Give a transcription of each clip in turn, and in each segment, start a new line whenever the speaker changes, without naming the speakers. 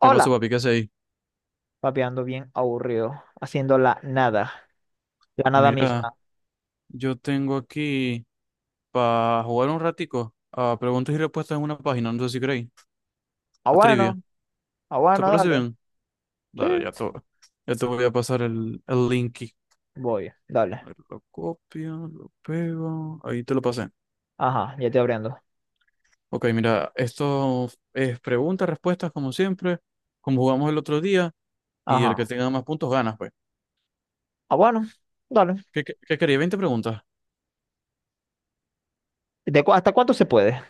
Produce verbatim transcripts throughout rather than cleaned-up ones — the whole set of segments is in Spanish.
¿Qué pasó, papi? ¿Qué hacéis?
papi, ando bien aburrido, haciendo la nada, la nada
Mira,
misma.
yo tengo aquí para jugar un ratico a preguntas y respuestas en una página, no sé si creéis,
Ah,
a trivia.
bueno, ah,
¿Te
bueno,
parece
dale.
bien?
Sí,
Dale, ya te, ya te voy a pasar el, el link aquí.
voy, dale.
A ver, lo copio, lo pego, ahí te lo pasé.
Ajá, ya estoy abriendo.
Ok, mira, esto es preguntas, respuestas, como siempre, como jugamos el otro día, y el que
Ajá,
tenga más puntos ganas, pues.
ah, bueno, dale.
¿Qué, qué, qué quería, veinte preguntas?
¿De cu- ¿Hasta cuánto se puede?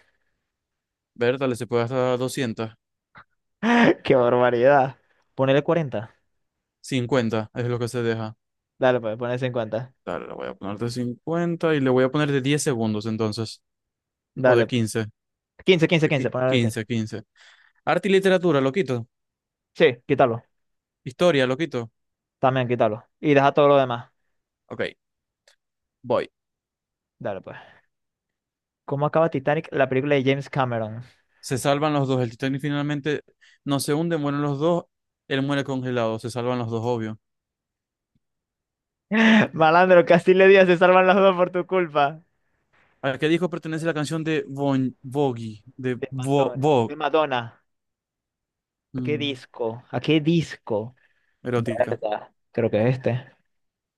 Ver, dale, se puede hasta doscientos
¡Qué barbaridad! Ponele cuarenta.
cincuenta es lo que se deja.
Dale, pues, ponele cincuenta.
Dale, le voy a poner de cincuenta y le voy a poner de diez segundos entonces. O de
Dale.
quince.
Quince, quince,
De
quince,
qui-
ponele quince.
quince, quince. Arte y literatura, lo quito.
Sí, quítalo.
Historia, lo quito.
También quítalo. Y deja todo lo demás.
Ok, voy.
Dale, pues. ¿Cómo acaba Titanic, la película de James Cameron?
Se salvan los dos. El Titanic finalmente no se hunde, mueren los dos. Él muere congelado. Se salvan los dos, obvio.
Malandro, Castile Díaz, se salvan los dos por tu culpa.
¿A qué disco pertenece la canción de Bon Vogue? De
De
Bo,
Madonna. De
Bo-
Madonna. ¿A qué
mm,
disco? ¿A qué disco?
erótica.
¿Verdad? Creo que es este.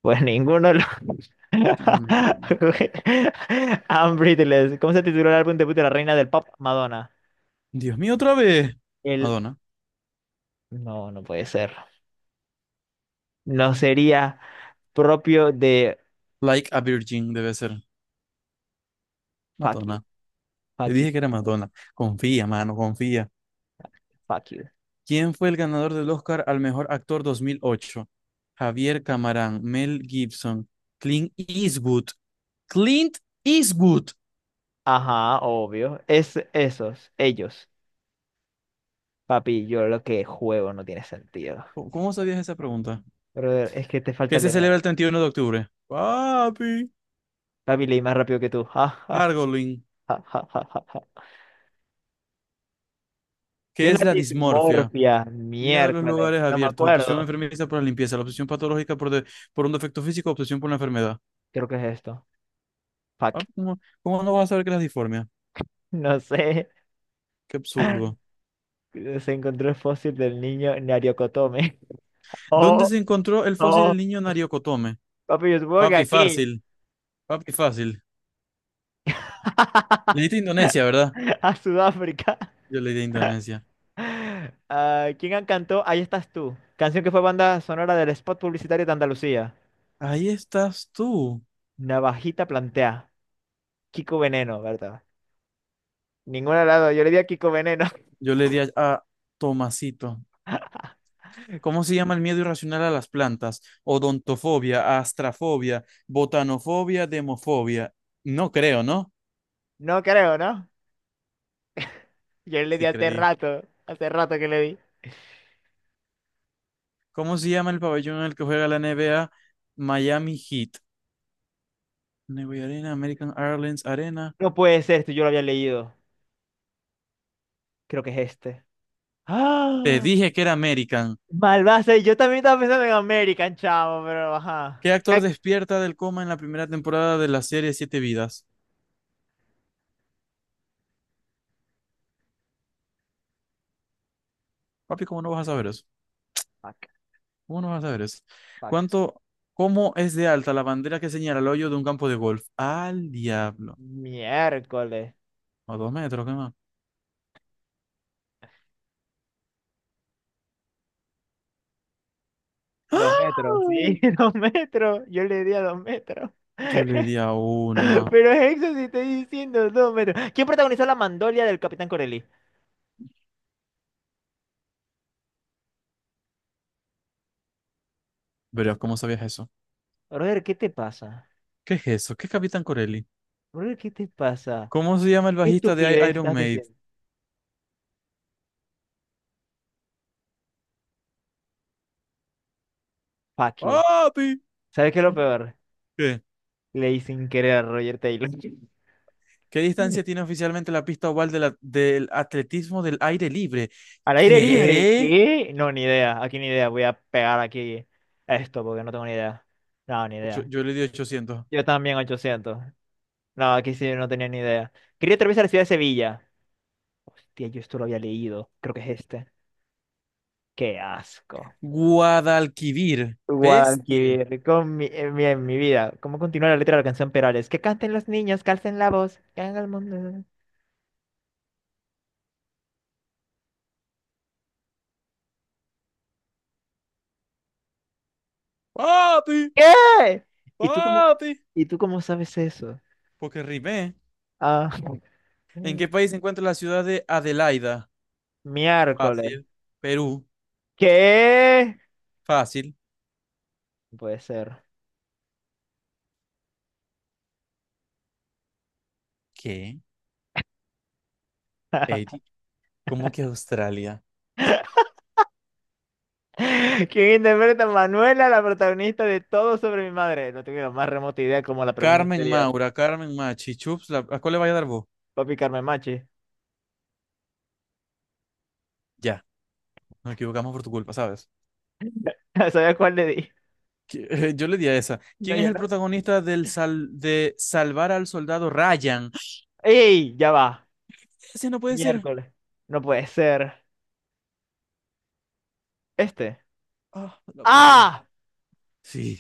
Pues ninguno lo...
Dios mío.
I'm Breathless. ¿Cómo se tituló el álbum debut de la reina del pop, Madonna?
Dios mío, otra vez.
El...
Madonna.
No, no puede ser. No sería propio de...
Like a Virgin debe ser.
Fuck you,
Madonna. Te
fuck you,
dije que era Madonna. Confía, mano, confía.
fuck you.
¿Quién fue el ganador del Oscar al mejor actor dos mil ocho? Javier Camarán, Mel Gibson, Clint Eastwood. Clint Eastwood.
Ajá, obvio. Es esos, ellos. Papi, yo lo que juego no tiene sentido.
¿Cómo, cómo sabías esa pregunta?
Brother, es que te
¿Qué
falta
se celebra
leer.
el treinta y uno de octubre? Papi.
Papi, leí más rápido que tú.
Gargling.
¿Qué
¿Qué
es la
es la dismorfia?
dimorfia?
Miedo a los
Miércoles.
lugares
No me
abiertos. Obsesión
acuerdo.
enfermiza por la limpieza. La obsesión patológica por, de- por un defecto físico. Obsesión por una enfermedad.
Creo que es esto. Fuck.
Papi, ¿cómo, cómo no vas a saber qué es la disformia?
No sé.
Qué absurdo.
Se encontró el fósil del niño Nariokotome.
¿Dónde
Oh,
se encontró el fósil
oh.
del niño Nariocotome?
Papi, yo supongo que
Papi,
aquí.
fácil. Papi, fácil. Le diste a Indonesia, ¿verdad?
A Sudáfrica.
Yo le di a Indonesia.
Ah, ¿quién cantó? Ahí estás tú. Canción que fue banda sonora del spot publicitario de Andalucía.
Ahí estás tú.
Navajita plantea. Kiko Veneno, ¿verdad? Ninguna de las dos. Yo le di a Kiko Veneno.
Yo le di a, a Tomasito. ¿Cómo se llama el miedo irracional a las plantas? Odontofobia, astrafobia, botanofobia, demofobia. No creo, ¿no?
No creo, ¿no? Yo le di
Sí
hace
creí.
rato. Hace rato que le di.
¿Cómo se llama el pabellón en el que juega la N B A? Miami Heat. Neway Arena, American Airlines Arena.
No puede ser esto, yo lo había leído. Creo que es este.
Te
¡Ah!
dije que era American.
Malvase, yo también estaba pensando en American, chavo, pero ajá.
¿Qué actor
Ac-
despierta del coma en la primera temporada de la serie Siete Vidas? Papi, ¿cómo no vas a saber eso?
Fuck,
¿Cómo no vas a ver eso?
fuck.
¿Cuánto, ¿cómo es de alta la bandera que señala el hoyo de un campo de golf? Al diablo.
Miércoles.
A dos metros, ¿qué más?
Dos
¡Ah!
metros, sí, dos metros. Yo le di a dos metros.
Yo le di a uno.
Pero eso sí estoy diciendo dos metros. ¿Quién protagonizó la mandolia del Capitán Corelli?
Verás, ¿cómo sabías eso?
Brother, ¿qué te pasa?
¿Qué es eso? ¿Qué es Capitán Corelli?
Brother, ¿qué te pasa?
¿Cómo se llama el
¿Qué
bajista de I-
estupidez
Iron
estás
Maiden?
diciendo? Fuck you.
¡Papi!
¿Sabes qué es lo peor?
¿Qué?
Leí sin querer a Roger Taylor.
¿Qué distancia tiene oficialmente la pista oval de la- del atletismo del aire libre?
Al aire libre,
¿Qué?
¿qué? No, ni idea. Aquí ni idea. Voy a pegar aquí esto porque no tengo ni idea. No, ni
Ocho-
idea.
yo le di ochocientos.
Yo también ochocientos. No, aquí sí no tenía ni idea. Quería atravesar la ciudad de Sevilla. Hostia, yo esto lo había leído. Creo que es este. Qué asco.
Guadalquivir. Bestia.
Guadalquivir, con mi, en mi, en mi vida. ¿Cómo continúa la letra de la canción Perales? Que canten los niños, calcen la voz, que hagan el mundo.
¡Papi!
¿Qué? ¿Y tú cómo,
¡Papi!
¿y tú cómo sabes eso?
Porque rimé.
Ah,
¿En qué país se encuentra la ciudad de Adelaida?
miércoles.
Fácil. Perú.
¿Qué?
Fácil.
Puede ser.
¿Qué? Eddie. ¿Cómo que Australia?
¿Quién interpreta a Manuela, la protagonista de Todo sobre mi madre? No tengo la más remota idea, como la pregunta
Carmen
anterior.
Maura, Carmen Machi, Chups, la- ¿a cuál le vaya a dar vos?
Papi, Carmen Machi.
Ya, nos equivocamos por tu culpa, ¿sabes?
¿Sabías cuál le di?
Que- Yo le di a esa.
No,
¿Quién es
yo
el
no.
protagonista del sal de Salvar al Soldado Ryan?
¡Ey! Ya va.
Ese no puede ser.
Miércoles. No puede ser. Este.
Ah, la pegué.
¡Ah!
Sí.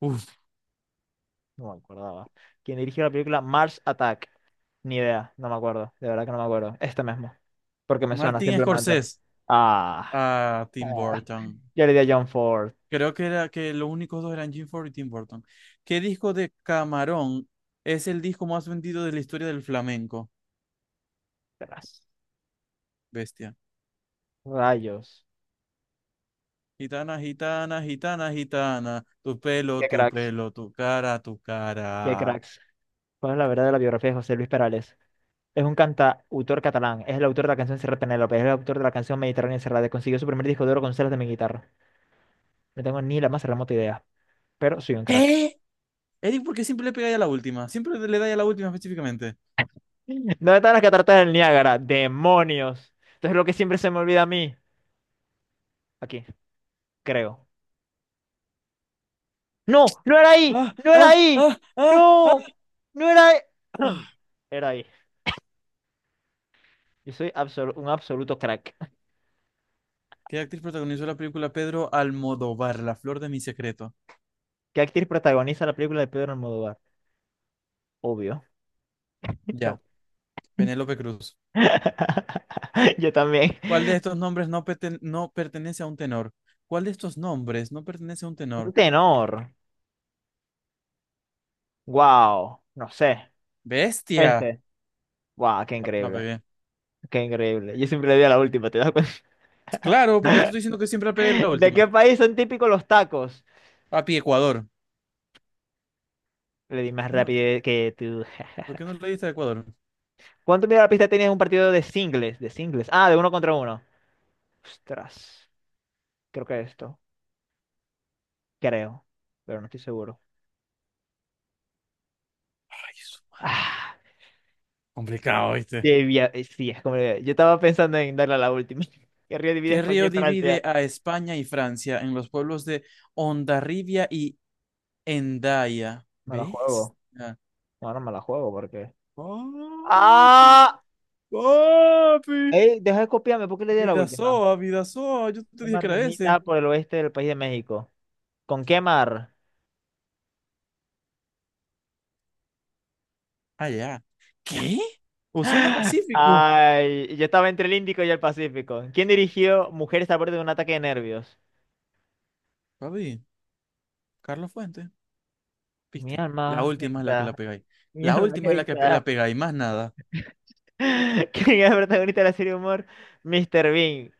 Uf.
No me acordaba. ¿Quién dirigió la película Mars Attack? Ni idea. No me acuerdo. De verdad que no me acuerdo. Este mismo. Porque me suena
Martin
simplemente.
Scorsese.
Ah.
Ah, Tim
Ah.
Burton.
Yo le di a John Ford.
Creo que era que los únicos dos eran Jim Ford y Tim Burton. ¿Qué disco de Camarón es el disco más vendido de la historia del flamenco?
Tras.
Bestia.
Rayos.
Gitana, gitana, gitana, gitana. Tu pelo,
Qué
tu
cracks.
pelo, tu cara, tu
Qué
cara.
cracks. ¿Cuál es la verdad de la biografía de José Luis Perales? Es un cantautor catalán, es el autor de la canción Serrat Penélope, es el autor de la canción Mediterránea Encerrada, consiguió su primer disco de oro con celos de mi guitarra. No tengo ni la más remota idea, pero soy un crack.
¿Qué? Eric, ¿por qué siempre le pegáis a la última? Siempre le da a la última específicamente.
¿Dónde están las cataratas del Niágara? ¡Demonios! Entonces lo que siempre se me olvida a mí. Aquí, creo. ¡No! ¡No era ahí!
Ah,
¡No era
ah,
ahí!
ah, ah,
¡No! ¡No era ahí!
ah.
Era ahí. Yo soy absolu- un absoluto crack.
¿Qué actriz protagonizó la película Pedro Almodóvar, La flor de mi secreto?
¿Qué actriz protagoniza la película de Pedro Almodóvar? Obvio. No.
Ya, Penélope Cruz.
Yo también.
¿Cuál de estos nombres no, perten- no pertenece a un tenor? ¿Cuál de estos nombres no pertenece a un
Un
tenor?
tenor. Wow. No sé.
Bestia.
Este. Wow, qué
La, la
increíble.
pegué.
Qué increíble. Yo siempre le di a la última, ¿te das cuenta?
Claro, porque te estoy diciendo que siempre la pegué la
¿De
última.
qué país son típicos los tacos?
Papi, Ecuador.
Le di más
Ah,
rápido que tú.
¿por qué no leíste a Ecuador?
¿Cuánto mide la pista tenías en un partido de singles? De singles. Ah, de uno contra uno. Ostras. Creo que esto. Creo. Pero no estoy seguro.
Ay, su madre.
Ah,
Complicado, ¿viste?
debía- eh, sí, es como. Yo estaba pensando en darle a la última. Querría dividir
¿Qué
España
río
y
divide
Francia.
a España y Francia en los pueblos de Hondarribia y Hendaya?
Me la juego.
Bestia.
No, no me la juego porque.
Papi,
Ah,
papi.
ey, deja de copiarme, ¿por qué le di a la última?
Vidasoa, Vidasoa. Yo te
¿Qué
dije
mar
que era ese.
limita por el oeste del país de México? ¿Con qué mar?
Ah, ya. ¿Qué? Océano Pacífico.
ay, yo estaba entre el Índico y el Pacífico. ¿Quién dirigió Mujeres a borde de un ataque de nervios?
Papi, Carlos Fuentes,
Mi
viste. La
alma,
última es la que la
Hexa,
pegáis.
mi
La
alma
última es la que pe-
Hexa.
la pegáis, más nada.
¿Quién es el protagonista de la serie de humor? mister Bean.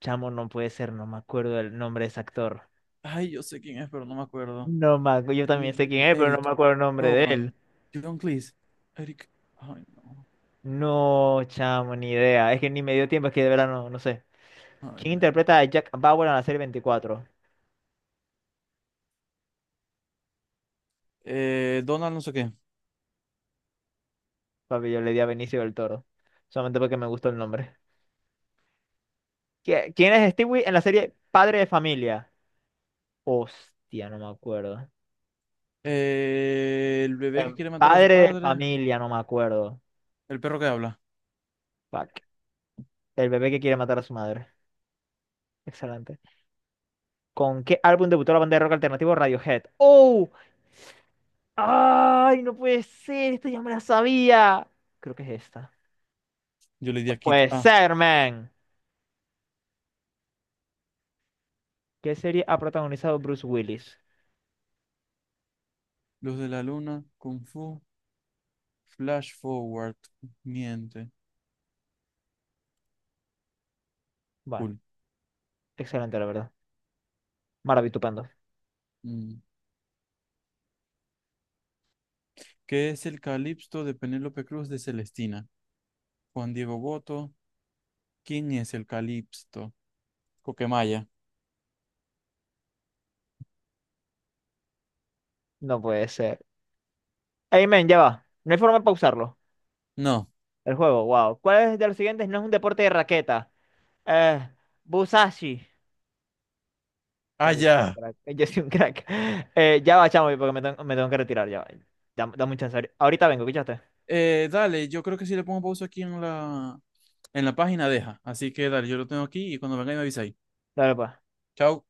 Chamo, no puede ser, no me acuerdo el nombre de ese actor.
Ay, yo sé quién es, pero no me acuerdo.
No me acu- yo
Benny
también sé quién
Hill,
es, pero no
Eric,
me acuerdo el nombre de él.
Rowan, John Cleese, Eric. Ay, no.
No, chamo, ni idea. Es que ni me dio tiempo, es que de verdad no, no sé.
Ay,
¿Quién
man.
interpreta a Jack Bauer en la serie veinticuatro?
Eh, Donald, no sé qué.
Papi, yo le di a Benicio del Toro. Solamente porque me gustó el nombre. ¿Qui- ¿Quién es Stewie en la serie Padre de Familia? Hostia, no me acuerdo.
Eh, el bebé que
En
quiere matar a su
Padre de
padre.
Familia, no me acuerdo.
El perro que habla.
Fuck. El bebé que quiere matar a su madre. Excelente. ¿Con qué álbum debutó la banda de rock alternativo Radiohead? ¡Oh! ¡Ay, no puede ser! Esto ya me la sabía. Creo que es esta.
Yo le di
No
a Kit
puede
A.
ser, man. ¿Qué serie ha protagonizado Bruce Willis?
Luz de la luna, Kung Fu, Flash Forward. Miente.
Bueno,
Cool.
excelente, la verdad. Maravitupendo.
Mm. ¿Qué es el Calipso de Penélope Cruz de Celestina? Juan Diego Boto. ¿Quién es el Calipso? Coquemaya.
No puede ser. Ey, men, ya va. No hay forma de pausarlo.
No.
El juego, wow. ¿Cuál es de los siguientes no es un deporte de raqueta? Eh, Busashi.
Ah,
Papi, yo soy un
ya.
crack. Yo soy un crack. Eh, ya va, chamo, porque me tengo, me tengo que retirar, ya va. Dame, dame un chance. Ahorita vengo, ¿escuchaste?
Eh, dale, yo creo que si le pongo pausa aquí en la, en la página, deja. Así que dale, yo lo tengo aquí y cuando venga me avisáis.
Dale, pues.
Chao.